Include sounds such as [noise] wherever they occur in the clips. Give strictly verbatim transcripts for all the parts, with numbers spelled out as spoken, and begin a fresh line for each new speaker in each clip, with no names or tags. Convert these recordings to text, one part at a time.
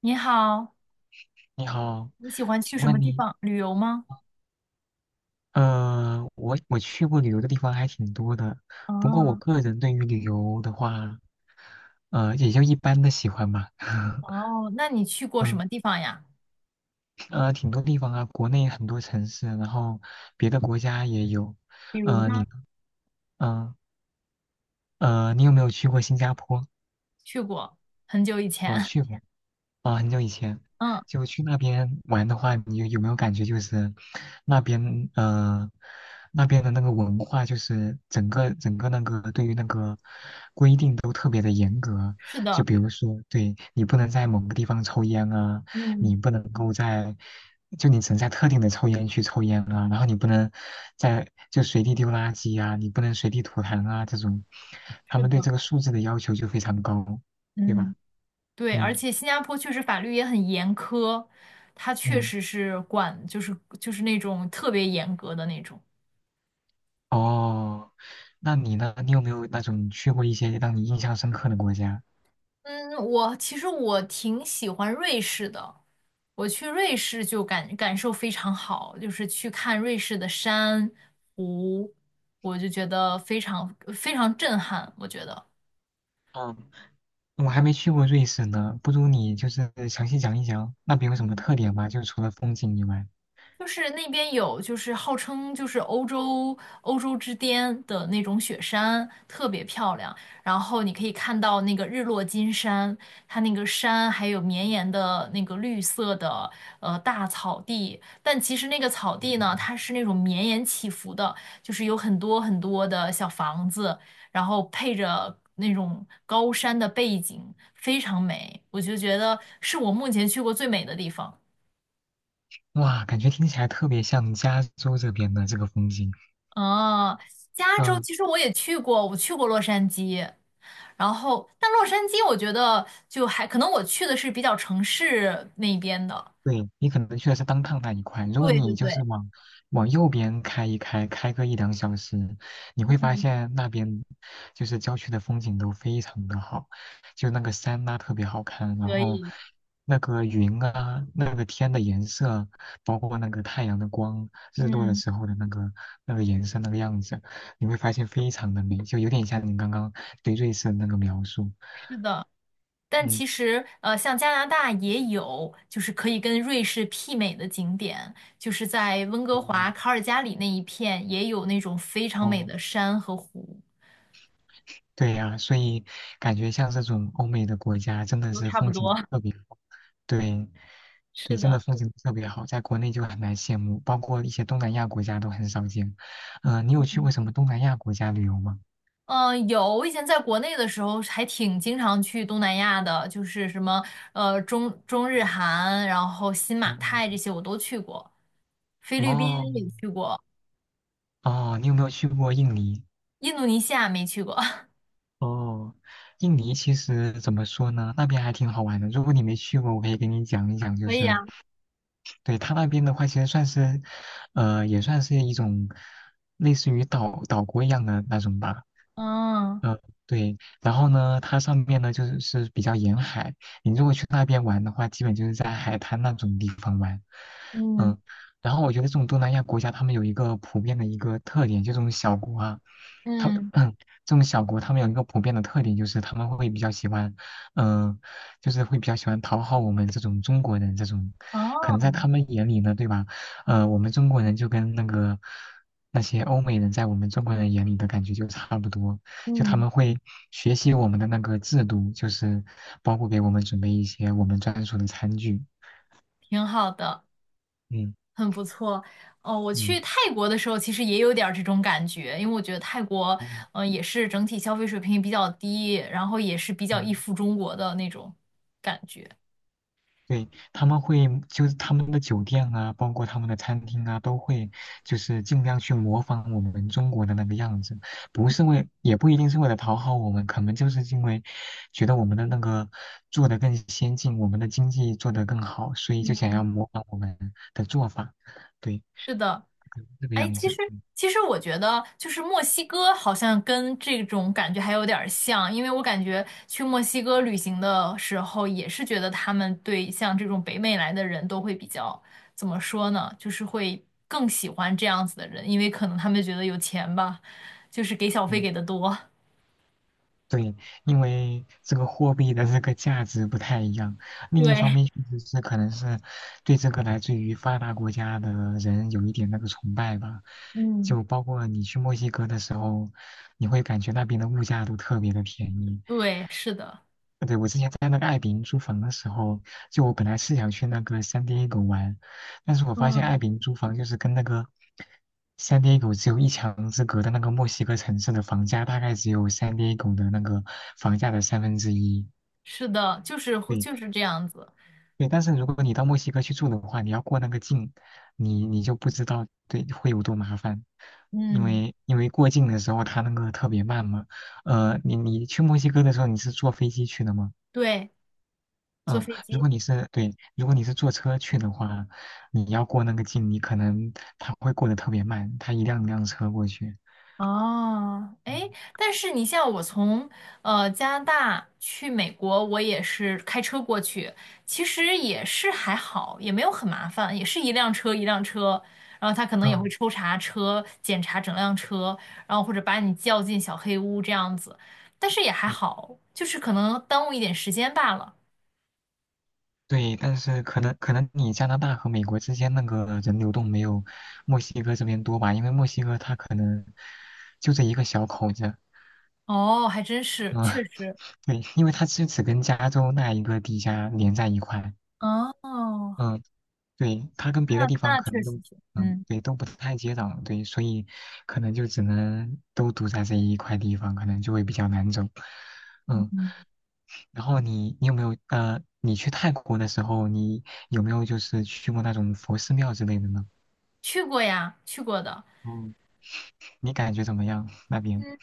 你好，
你好，
你喜欢去
请
什么
问
地
你，
方旅游吗？
呃，我我去过旅游的地方还挺多的，不过我
哦
个人对于旅游的话，呃，也就一般的喜欢吧。[laughs]
哦，那你去过什
嗯，
么地方呀？
呃，挺多地方啊，国内很多城市，然后别的国家也有。
比如
呃，你
呢？
呢，嗯、呃，你有没有去过新加坡？
去过很久以
哦，
前。[laughs]
去过。啊，很久以前
嗯，
就去那边玩的话，你有有没有感觉就是那边呃那边的那个文化，就是整个整个那个对于那个规定都特别的严格。
是
就
的，
比如说，对你不能在某个地方抽烟啊，
嗯，
你不能够在就你只能在特定的抽烟区抽烟啊，然后你不能在就随地丢垃圾啊，你不能随地吐痰啊这种，他
是
们对
的，
这个素质的要求就非常高，对
嗯，
吧？
对，而
嗯
且新加坡确实法律也很严苛，它确
嗯。
实是管，就是就是那种特别严格的那种。
哦，那你呢？你有没有那种去过一些让你印象深刻的国家？
嗯，我其实我挺喜欢瑞士的，我去瑞士就感感受非常好，就是去看瑞士的山湖，我就觉得非常非常震撼，我觉得。
嗯，我还没去过瑞士呢，不如你就是详细讲一讲那边有什么特点吧，就除了风景以外。
就是那边有，就是号称就是欧洲欧洲之巅的那种雪山，特别漂亮。然后你可以看到那个日落金山，它那个山还有绵延的那个绿色的呃大草地。但其实那个草地呢，它是那种绵延起伏的，就是有很多很多的小房子，然后配着那种高山的背景，非常美。我就觉得是我目前去过最美的地方。
哇，感觉听起来特别像加州这边的这个风景。
哦，加州
嗯。
其实我也去过，我去过洛杉矶，然后但洛杉矶我觉得就还可能我去的是比较城市那边的，
对，你可能去的是当趟那一块，如果
对对
你就是
对，
往往右边开一开，开个一两小时，你会发
嗯，
现那边就是郊区的风景都非常的好，就那个山呐、特别好看，然
可
后
以，
那个云啊，那个天的颜色，包括那个太阳的光，日落的
嗯，
时候的那个那个颜色那个样子，你会发现非常的美，就有点像你刚刚对瑞士的那个描述，
是的，但其
嗯
实呃，像加拿大也有就是可以跟瑞士媲美的景点，就是在温哥华、
嗯。
卡尔加里那一片也有那种非常美的
哦
山和湖，
对呀，所以感觉像这种欧美的国家真的
都
是
差不
风
多，
景
[laughs]
特别好，对，
是
对，真的
的。
风景特别好，在国内就很难羡慕，包括一些东南亚国家都很少见。嗯、你有去过什么东南亚国家旅游吗？
嗯，有，我以前在国内的时候还挺经常去东南亚的，就是什么呃中中日韩，然后新马泰这
嗯
些我都去过，菲律宾
哦
也去过，
哦，你有没有去过印尼？
印度尼西亚没去过，[laughs]
哦，印尼其实怎么说呢，那边还挺好玩的。如果你没去过，我可以给你讲一讲。就
可以啊，
是对它那边的话，其实算是，呃，也算是一种类似于岛岛国一样的那种吧。
嗯
嗯，对，然后呢，它上面呢就是是比较沿海，你如果去那边玩的话，基本就是在海滩那种地方玩，
嗯
嗯，然后我觉得这种东南亚国家，他们有一个普遍的一个特点，就这种小国啊，他们
嗯，
[clears throat] 这种小国，他们有一个普遍的特点，就是他们会比较喜欢，嗯、就是会比较喜欢讨好我们这种中国人，这种可能在
哦，
他们眼里呢，对吧？呃，我们中国人就跟那个那些欧美人在我们中国人眼里的感觉就差不多。就他
嗯，
们会学习我们的那个制度，就是包括给我们准备一些我们专属的餐具。
挺好的，
嗯
很不错。哦，我去
嗯
泰国的时候其实也有点儿这种感觉，因为我觉得泰国
哦，
呃也是整体消费水平比较低，然后也是比较依
嗯，
附中国的那种感觉。
对，他们会就是他们的酒店啊，包括他们的餐厅啊，都会就是尽量去模仿我们中国的那个样子，不是为，也不一定是为了讨好我们，可能就是因为觉得我们的那个做得更先进，我们的经济做得更好，所以就想要模仿我们的做法，对，
是的，
可能是这个
哎，
样
其实
子。
其实我觉得，就是墨西哥好像跟这种感觉还有点儿像，因为我感觉去墨西哥旅行的时候，也是觉得他们对像这种北美来的人都会比较，怎么说呢，就是会更喜欢这样子的人，因为可能他们觉得有钱吧，就是给小费
嗯。
给的多。
对，因为这个货币的这个价值不太一样。另一方
对
面，确实是可能是对这个来自于发达国家的人有一点那个崇拜吧。
[laughs]，嗯
就包括你去墨西哥的时候，你会感觉那边的物价都特别的便宜，
对，是的，
对，我之前在那个爱彼迎租房的时候，就我本来是想去那个 San Diego 玩，但是我发现
嗯，
爱彼迎租房就是跟那个 San Diego 只有一墙之隔的那个墨西哥城市的房价大概只有 San Diego 的那个房价的三分之一。
是的，就是会
对
就是这样子。
对，但是如果你到墨西哥去住的话，你要过那个境，你你就不知道对会有多麻烦，因
嗯，
为因为过境的时候它那个特别慢嘛。呃，你你去墨西哥的时候你是坐飞机去的吗？
对，坐
嗯，
飞
如
机。
果你是对，如果你是坐车去的话，你要过那个境，你可能它会过得特别慢，它一辆一辆车过去。
哦，哎，
嗯
但是你像我从呃加拿大去美国，我也是开车过去，其实也是还好，也没有很麻烦，也是一辆车一辆车，然后他可能也会
嗯，
抽查车，检查整辆车，然后或者把你叫进小黑屋这样子，但是也还
嗯
好，就是可能耽误一点时间罢了。
对，但是可能可能你加拿大和美国之间那个人流动没有墨西哥这边多吧，因为墨西哥它可能就这一个小口子，
哦，还真是，
嗯，
确
[laughs]
实，
对，因为它是只跟加州那一个地下连在一块，
哦，
嗯，对，它跟
那
别的地方
那
可
确
能
实
都，
是，
嗯，
嗯
对，都不太接壤，对，所以可能就只能都堵在这一块地方，可能就会比较难走。
嗯，
嗯，
嗯
然后你你有没有呃，你去泰国的时候，你有没有就是去过那种佛寺庙之类的呢？
去过呀，去过的。
嗯，你感觉怎么样那边？
嗯。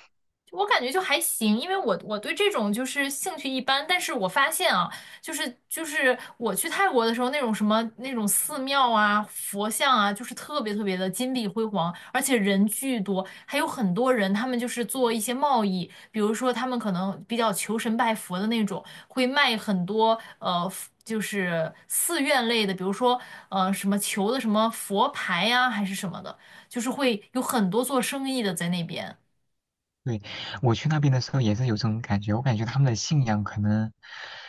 我感觉就还行，因为我我对这种就是兴趣一般，但是我发现啊，就是就是我去泰国的时候，那种什么那种寺庙啊、佛像啊，就是特别特别的金碧辉煌，而且人巨多，还有很多人，他们就是做一些贸易，比如说他们可能比较求神拜佛的那种，会卖很多呃。就是寺院类的，比如说，呃，什么求的什么佛牌呀、还是什么的，就是会有很多做生意的在那边。
对，我去那边的时候也是有这种感觉，我感觉他们的信仰可能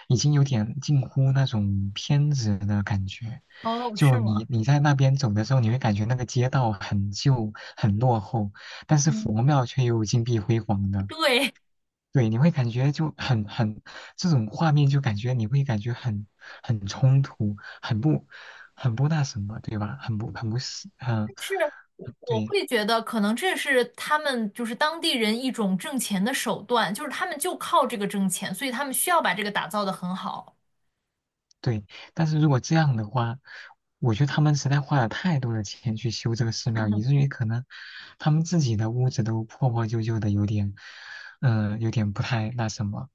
已经有点近乎那种偏执的感觉。
哦，
就
是吗？
你你在那边走的时候，你会感觉那个街道很旧、很落后，但是
嗯，
佛庙却又金碧辉煌的。
对，
对，你会感觉就很很这种画面，就感觉你会感觉很很冲突，很不很不那什么，对吧？很不很不是，嗯，
是我
对。
会觉得可能这是他们就是当地人一种挣钱的手段，就是他们就靠这个挣钱，所以他们需要把这个打造的很好。
对，但是如果这样的话，我觉得他们实在花了太多的钱去修这个寺庙，以至于可能他们自己的屋子都破破旧旧的，有点，嗯、有点不太那什么，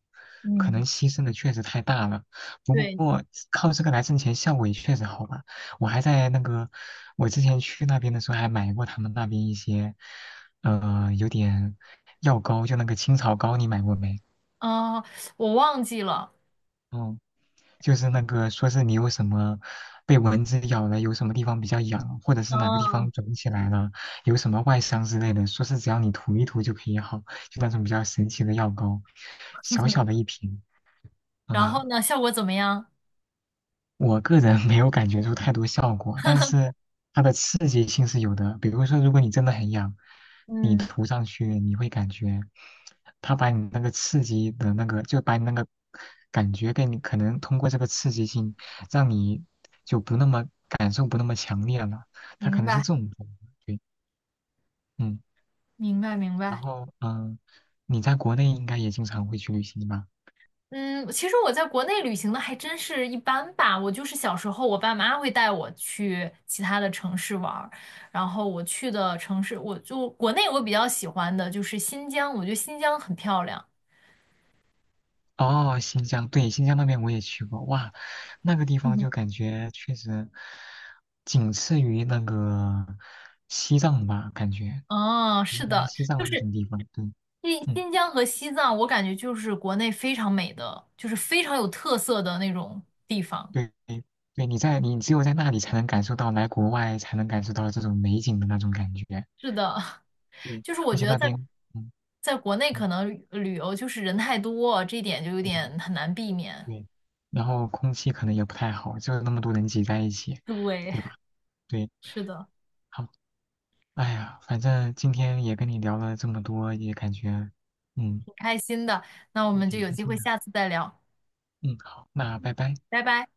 可
嗯，
能牺牲的确实太大了。不
对，
过靠这个来挣钱，效果也确实好吧。我还在那个，我之前去那边的时候还买过他们那边一些，呃，有点药膏，就那个青草膏，你买过没？
啊、我忘记了。
嗯。就是那个说是你有什么被蚊子咬了，有什么地方比较痒，或者是哪个地
嗯，
方肿起来了，有什么外伤之类的，说是只要你涂一涂就可以好，就那种比较神奇的药膏，小小的一瓶
然
啊。
后呢，效果怎么样？
我个人没有感觉出太多效果，但是它的刺激性是有的。比如说，如果你真的很痒，你
嗯，
涂上去，你会感觉它把你那个刺激的那个，就把你那个感觉给你，可能通过这个刺激性，让你就不那么感受不那么强烈了。它可
明
能是
白，
这种作用对，嗯。
明白，明
然
白。
后，嗯，你在国内应该也经常会去旅行吧？
嗯，其实我在国内旅行的还真是一般吧。我就是小时候，我爸妈会带我去其他的城市玩儿，然后我去的城市，我就国内我比较喜欢的就是新疆，我觉得新疆很漂亮。
哦，新疆，对，新疆那边我也去过，哇，那个地方
嗯
就感觉确实仅次于那个西藏吧，感觉
嗯，
云
是
南、
的，
西藏
就
那
是
种地方，对，
新
嗯，
新疆和西藏，我感觉就是国内非常美的，就是非常有特色的那种地方。
对，对，你在你只有在那里才能感受到，来国外才能感受到这种美景的那种感觉，
是的，[laughs]
对，
就是我
而
觉
且
得
那
在
边，嗯
在国内可
嗯
能旅游就是人太多，这一点就有
嗯，
点很难避免。
对，然后空气可能也不太好，就那么多人挤在一起，
对，
对吧？对，
是的，
好。哎呀，反正今天也跟你聊了这么多，也感觉嗯
挺开心的。那我
也
们就
挺
有
开
机
心
会
的。
下次再聊，
嗯，好，那拜拜。
拜拜。